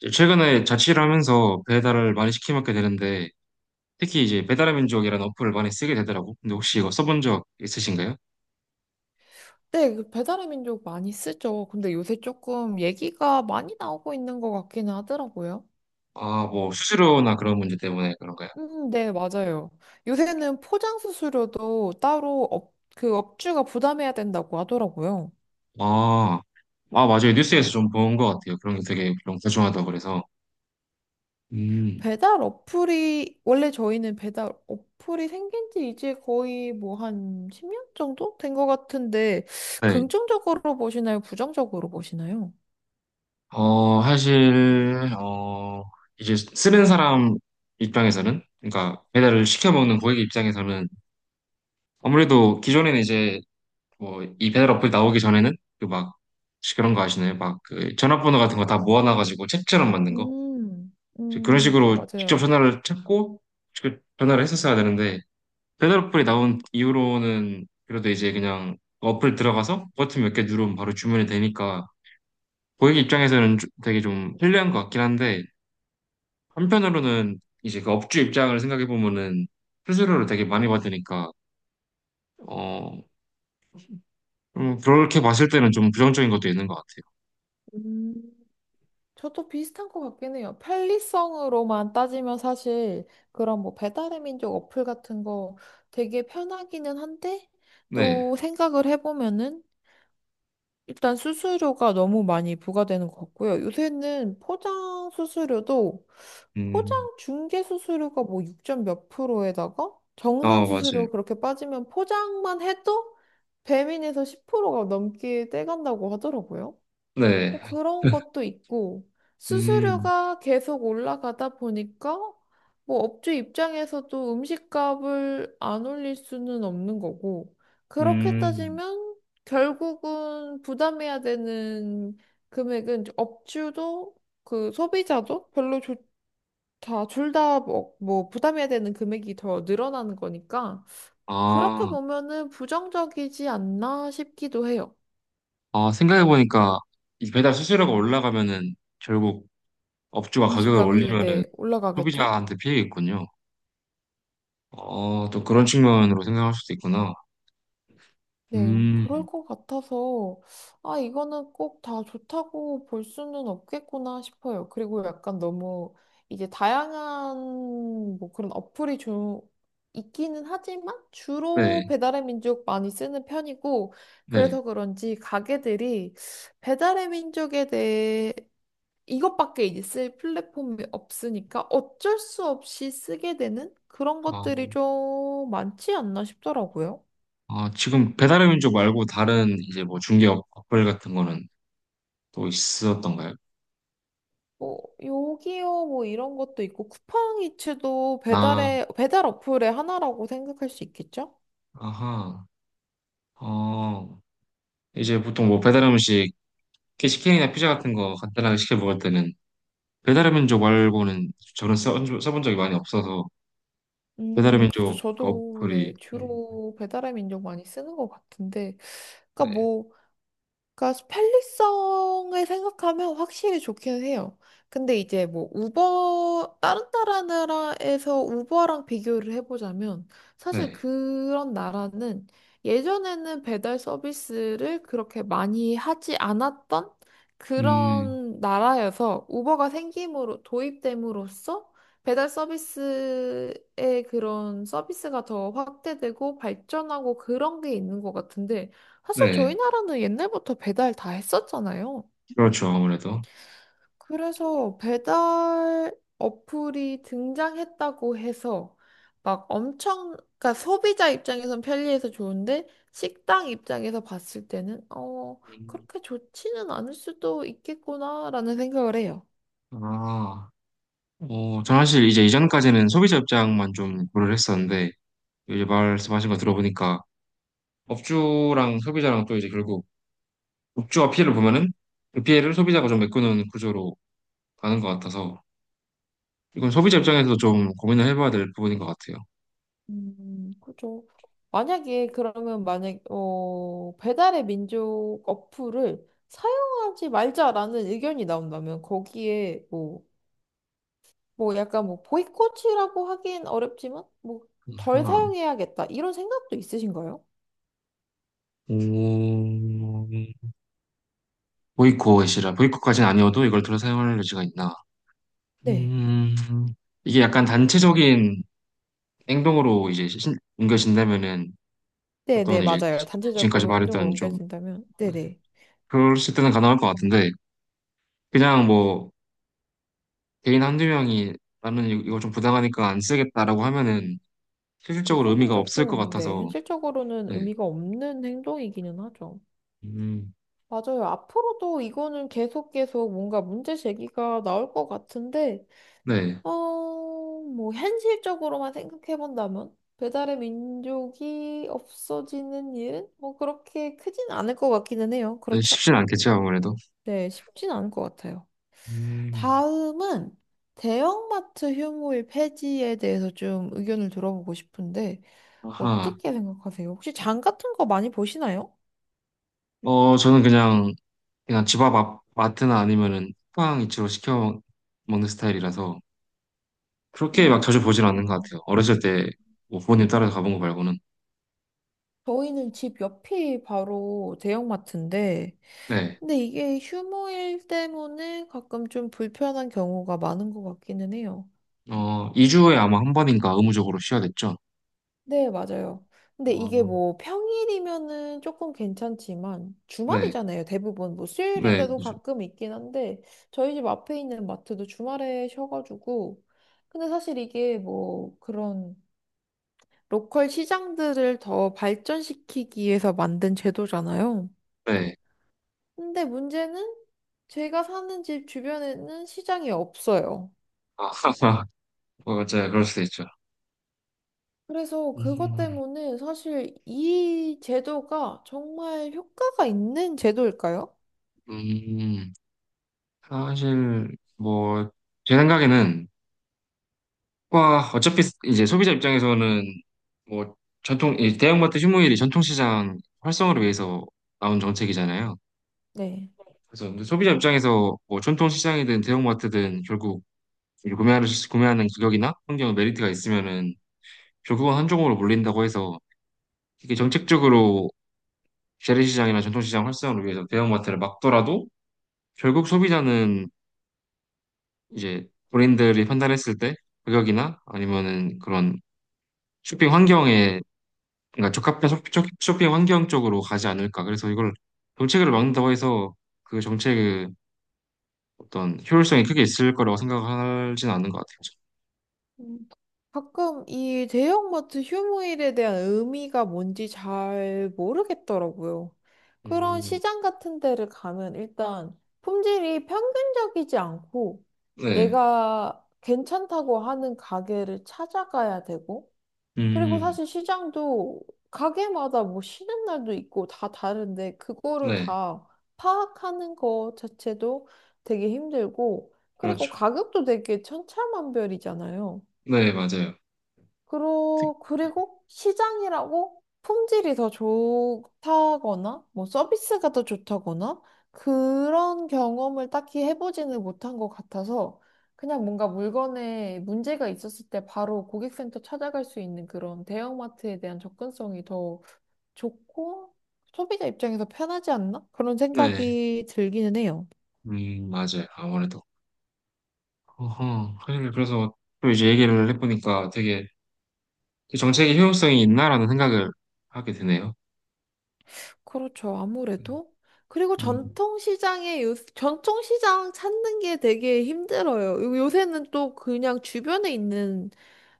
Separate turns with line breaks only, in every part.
이제 최근에 자취를 하면서 배달을 많이 시켜 먹게 되는데 특히 이제 배달의 민족이라는 어플을 많이 쓰게 되더라고. 근데 혹시 이거 써본 적 있으신가요?
네, 그 배달의 민족 많이 쓰죠. 근데 요새 조금 얘기가 많이 나오고 있는 것 같기는 하더라고요.
아, 뭐 수수료나 그런 문제 때문에 그런가요?
네, 맞아요. 요새는 포장 수수료도 따로 그 업주가 부담해야 된다고 하더라고요.
아, 아 맞아요. 뉴스에서 좀 본 것 같아요. 그런 게 되게 좀 소중하다고 그래서. 음,
배달 어플이, 원래 저희는 배달 어플이 생긴 지 이제 거의 뭐 한 10년 정도 된 것 같은데,
네.
긍정적으로 보시나요? 부정적으로 보시나요?
사실 이제 쓰는 사람 입장에서는, 그러니까 배달을 시켜 먹는 고객 입장에서는 아무래도 기존에는 이제 뭐이 배달 어플 나오기 전에는 그 막 그런 거 아시나요? 막 그 전화번호 같은 거 다 모아놔가지고 책처럼 만든 거.
음,
그런 식으로 직접
맞아요.
전화를 찾고 직접 전화를 했었어야 되는데, 배달 어플이 나온 이후로는 그래도 이제 그냥 어플 들어가서 버튼 몇 개 누르면 바로 주문이 되니까 고객 입장에서는 되게 좀 편리한 것 같긴 한데, 한편으로는 이제 그 업주 입장을 생각해 보면은 수수료를 되게 많이 받으니까, 어 그렇게 봤을 때는 좀 부정적인 것도 있는 것 같아요.
음. 저도 비슷한 것 같긴 해요. 편리성으로만 따지면 사실 그런 뭐 배달의 민족 어플 같은 거 되게 편하기는 한데
네.
또 생각을 해보면은 일단 수수료가 너무 많이 부과되는 것 같고요. 요새는 포장 수수료도 포장
음.
중개 수수료가 뭐 6점 몇 프로에다가
어,
정산
맞아요.
수수료 그렇게 빠지면 포장만 해도 배민에서 10%가 넘게 떼간다고 하더라고요.
네.
뭐 그런 것도 있고,
음,
수수료가 계속 올라가다 보니까, 뭐 업주 입장에서도 음식값을 안 올릴 수는 없는 거고, 그렇게
음.
따지면 결국은 부담해야 되는 금액은 업주도 그 소비자도 별로 좋 다, 둘 다, 뭐, 부담해야 되는 금액이 더 늘어나는 거니까, 그렇게
아,
보면은 부정적이지 않나 싶기도 해요.
아, 생각해보니까 이 배달 수수료가 올라가면은, 결국 업주가 가격을
음식값이,
올리면은
네, 올라가겠죠?
소비자한테 피해겠군요. 어, 또 그런 측면으로 생각할 수도 있구나.
네,
음,
그럴 것 같아서, 아, 이거는 꼭 다 좋다고 볼 수는 없겠구나 싶어요. 그리고 약간 너무 이제 다양한 뭐 그런 어플이 좀 있기는 하지만
네,
주로 배달의 민족 많이 쓰는 편이고,
네.
그래서 그런지 가게들이 배달의 민족에 대해 이것밖에 이제 쓸 플랫폼이 없으니까 어쩔 수 없이 쓰게 되는 그런
아,
것들이 좀 많지 않나 싶더라고요.
아, 지금 배달의 민족 말고 다른 이제 뭐 어플 같은 거는 또 있었던가요?
뭐 요기요 뭐 이런 것도 있고 쿠팡이츠도
아,
배달 어플의 하나라고 생각할 수 있겠죠?
아하. 어, 이제 보통 뭐 배달 음식, 시킨이나 피자 같은 거 간단하게 시켜 먹을 때는 배달의 민족 말고는 써본 적이 많이 없어서. 배달의
그렇죠.
민족 그
저도
어플이
네 주로 배달의 민족 많이 쓰는 것 같은데, 그러니까
네,
뭐 그러니까 편리성을 생각하면 확실히 좋기는 해요. 근데 이제 뭐 우버 다른 나라에서 우버랑 비교를 해보자면 사실
네,
그런 나라는 예전에는 배달 서비스를 그렇게 많이 하지 않았던
음,
그런 나라여서 우버가 생김으로 도입됨으로써 배달 서비스의 그런 서비스가 더 확대되고 발전하고 그런 게 있는 것 같은데 사실 저희
네,
나라는 옛날부터 배달 다 했었잖아요.
그렇죠 아무래도.
그래서 배달 어플이 등장했다고 해서 막 엄청, 그러니까 소비자 입장에선 편리해서 좋은데 식당 입장에서 봤을 때는
음.
그렇게 좋지는 않을 수도 있겠구나라는 생각을 해요.
아, 어, 저는 사실 이제 이전까지는 소비자 입장만 좀 고려를 했었는데 이제 말씀하신 거 들어보니까, 업주랑 소비자랑 또 이제 결국 업주가 피해를 보면은 그 피해를 소비자가 좀 메꾸는 구조로 가는 것 같아서, 이건 소비자 입장에서도 좀 고민을 해봐야 될 부분인 것 같아요.
그죠. 만약에 그러면 배달의 민족 어플을 사용하지 말자라는 의견이 나온다면 거기에 뭐 약간 뭐 보이콧이라고 하긴 어렵지만 뭐 덜
그렇구나.
사용해야겠다 이런 생각도 있으신가요?
오, 보이콧이라, 보이콧까지는 아니어도 이걸 들어 사용할 여지가 있나?
네.
음, 이게 약간 단체적인 행동으로 이제 옮겨진다면은 어떤
네네,
이제
맞아요.
지금까지
단체적으로 행동을
말했던 좀,
옮겨진다면.
네,
네네.
그럴 때는 가능할 것 같은데, 그냥 뭐 개인 한두 명이 나는 이거 좀 부당하니까 안 쓰겠다라고 하면은 실질적으로
그거는
의미가 없을 것
조금, 네,
같아서.
현실적으로는
네,
의미가 없는 행동이기는 하죠.
음,
맞아요. 앞으로도 이거는 계속 계속 뭔가 문제 제기가 나올 것 같은데,
네,
어, 뭐, 현실적으로만 생각해본다면, 배달의 민족이 없어지는 일은 뭐 그렇게 크진 않을 것 같기는 해요. 그렇죠?
쉽진 않겠죠 아무래도.
네, 쉽진 않을 것 같아요.
음,
다음은 대형마트 휴무일 폐지에 대해서 좀 의견을 들어보고 싶은데,
아하,
어떻게 생각하세요? 혹시 장 같은 거 많이 보시나요?
어 저는 그냥 그냥 집 앞 마트나 아니면은 쿠팡 이츠로 시켜 먹는 스타일이라서 그렇게 막 자주 보진 않는 것
음.
같아요. 어렸을 때 뭐 부모님 따라서 가본 거 말고는.
저희는 집 옆이 바로 대형마트인데,
네.
근데 이게 휴무일 때문에 가끔 좀 불편한 경우가 많은 것 같기는 해요.
어, 2주에 아마 한 번인가 의무적으로 쉬어야 됐죠.
네, 맞아요. 근데 이게
어,
뭐 평일이면은 조금 괜찮지만
네.
주말이잖아요. 대부분 뭐
네.
수요일인데도
그죠.
가끔 있긴 한데 저희 집 앞에 있는 마트도 주말에 쉬어가지고 근데 사실 이게 뭐 그런 로컬 시장들을 더 발전시키기 위해서 만든 제도잖아요.
네.
근데 문제는 제가 사는 집 주변에는 시장이 없어요.
아, 어, 맞아요. 그럴 수도 있죠.
그래서 그것
음,
때문에 사실 이 제도가 정말 효과가 있는 제도일까요?
음, 사실 뭐 제 생각에는 와 어차피 이제 소비자 입장에서는 뭐 전통 이 대형마트 휴무일이 전통시장 활성화를 위해서 나온 정책이잖아요.
네.
그래서, 근데 소비자 입장에서 뭐 전통 시장이든 대형마트든 결국 이 구매하는 가격이나 환경 메리트가 있으면은 결국은 한쪽으로 몰린다고 해서, 이게 정책적으로 재래시장이나 전통시장 활성화를 위해서 대형마트를 막더라도 결국 소비자는 이제 본인들이 판단했을 때 가격이나 아니면은 그런 쇼핑 환경에, 그러니까 적합한 쇼핑 환경 쪽으로 가지 않을까. 그래서 이걸 정책을 막는다고 해서 그 정책의 어떤 효율성이 크게 있을 거라고 생각하진 않는 것 같아요.
음, 가끔 이 대형마트 휴무일에 대한 의미가 뭔지 잘 모르겠더라고요. 그런
음,
시장 같은 데를 가면 일단 품질이 평균적이지 않고
네,
내가 괜찮다고 하는 가게를 찾아가야 되고 그리고
음,
사실 시장도 가게마다 뭐 쉬는 날도 있고 다 다른데 그거를
네,
다 파악하는 거 자체도 되게 힘들고 그리고
그렇죠.
가격도 되게 천차만별이잖아요.
네, 맞아요. 특-.
그리고 시장이라고 품질이 더 좋다거나, 뭐 서비스가 더 좋다거나, 그런 경험을 딱히 해보지는 못한 것 같아서, 그냥 뭔가 물건에 문제가 있었을 때 바로 고객센터 찾아갈 수 있는 그런 대형마트에 대한 접근성이 더 좋고, 소비자 입장에서 편하지 않나? 그런
네,
생각이 들기는 해요.
맞아요. 아무래도. 어허, 그래, 그래서 또 이제 얘기를 해보니까 되게 그 정책의 효용성이 있나라는 생각을 하게 되네요.
그렇죠. 아무래도. 그리고
음,
전통시장 찾는 게 되게 힘들어요. 요새는 또 그냥 주변에 있는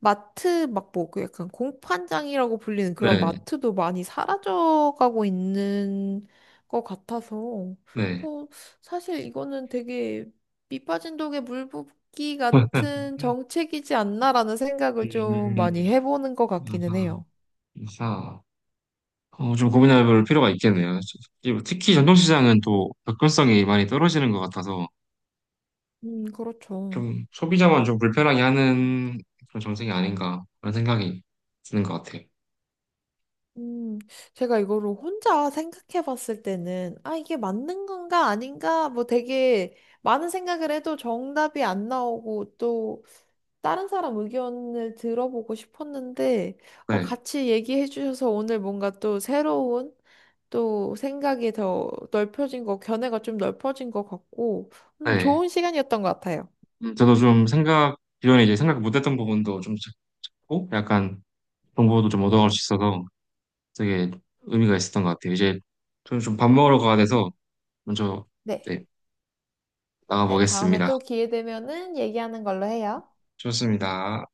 마트, 막 뭐, 그 약간 공판장이라고 불리는 그런
네,
마트도 많이 사라져가고 있는 것 같아서.
네.
또 사실 이거는 되게 밑 빠진 독에 물 붓기 같은 정책이지 않나라는 생각을 좀 많이
음,
해보는 것 같기는
아하,
해요.
아하. 어, 좀 고민해 볼 필요가 있겠네요. 특히 전통시장은 또 접근성이 많이 떨어지는 것 같아서
그렇죠.
좀 소비자만 좀 불편하게 하는 그런 정책이 아닌가 그런 생각이 드는 것 같아요.
음, 제가 이거를 혼자 생각해 봤을 때는, 아, 이게 맞는 건가 아닌가? 뭐 되게 많은 생각을 해도 정답이 안 나오고 또 다른 사람 의견을 들어보고 싶었는데,
네,
같이 얘기해 주셔서 오늘 뭔가 또 새로운 또 생각이 더 넓혀진 거, 견해가 좀 넓혀진 것 같고,
네.
좋은 시간이었던 것 같아요.
저도 좀 생각 기존에 이제 생각 못했던 부분도 좀 찾고 약간 정보도 좀 얻어갈 수 있어서 되게 의미가 있었던 것 같아요. 이제 저는 좀 밥 먹으러 가야 돼서 먼저,
네.
네,
네, 다음에
나가보겠습니다.
또 기회 되면은 얘기하는 걸로 해요.
좋습니다.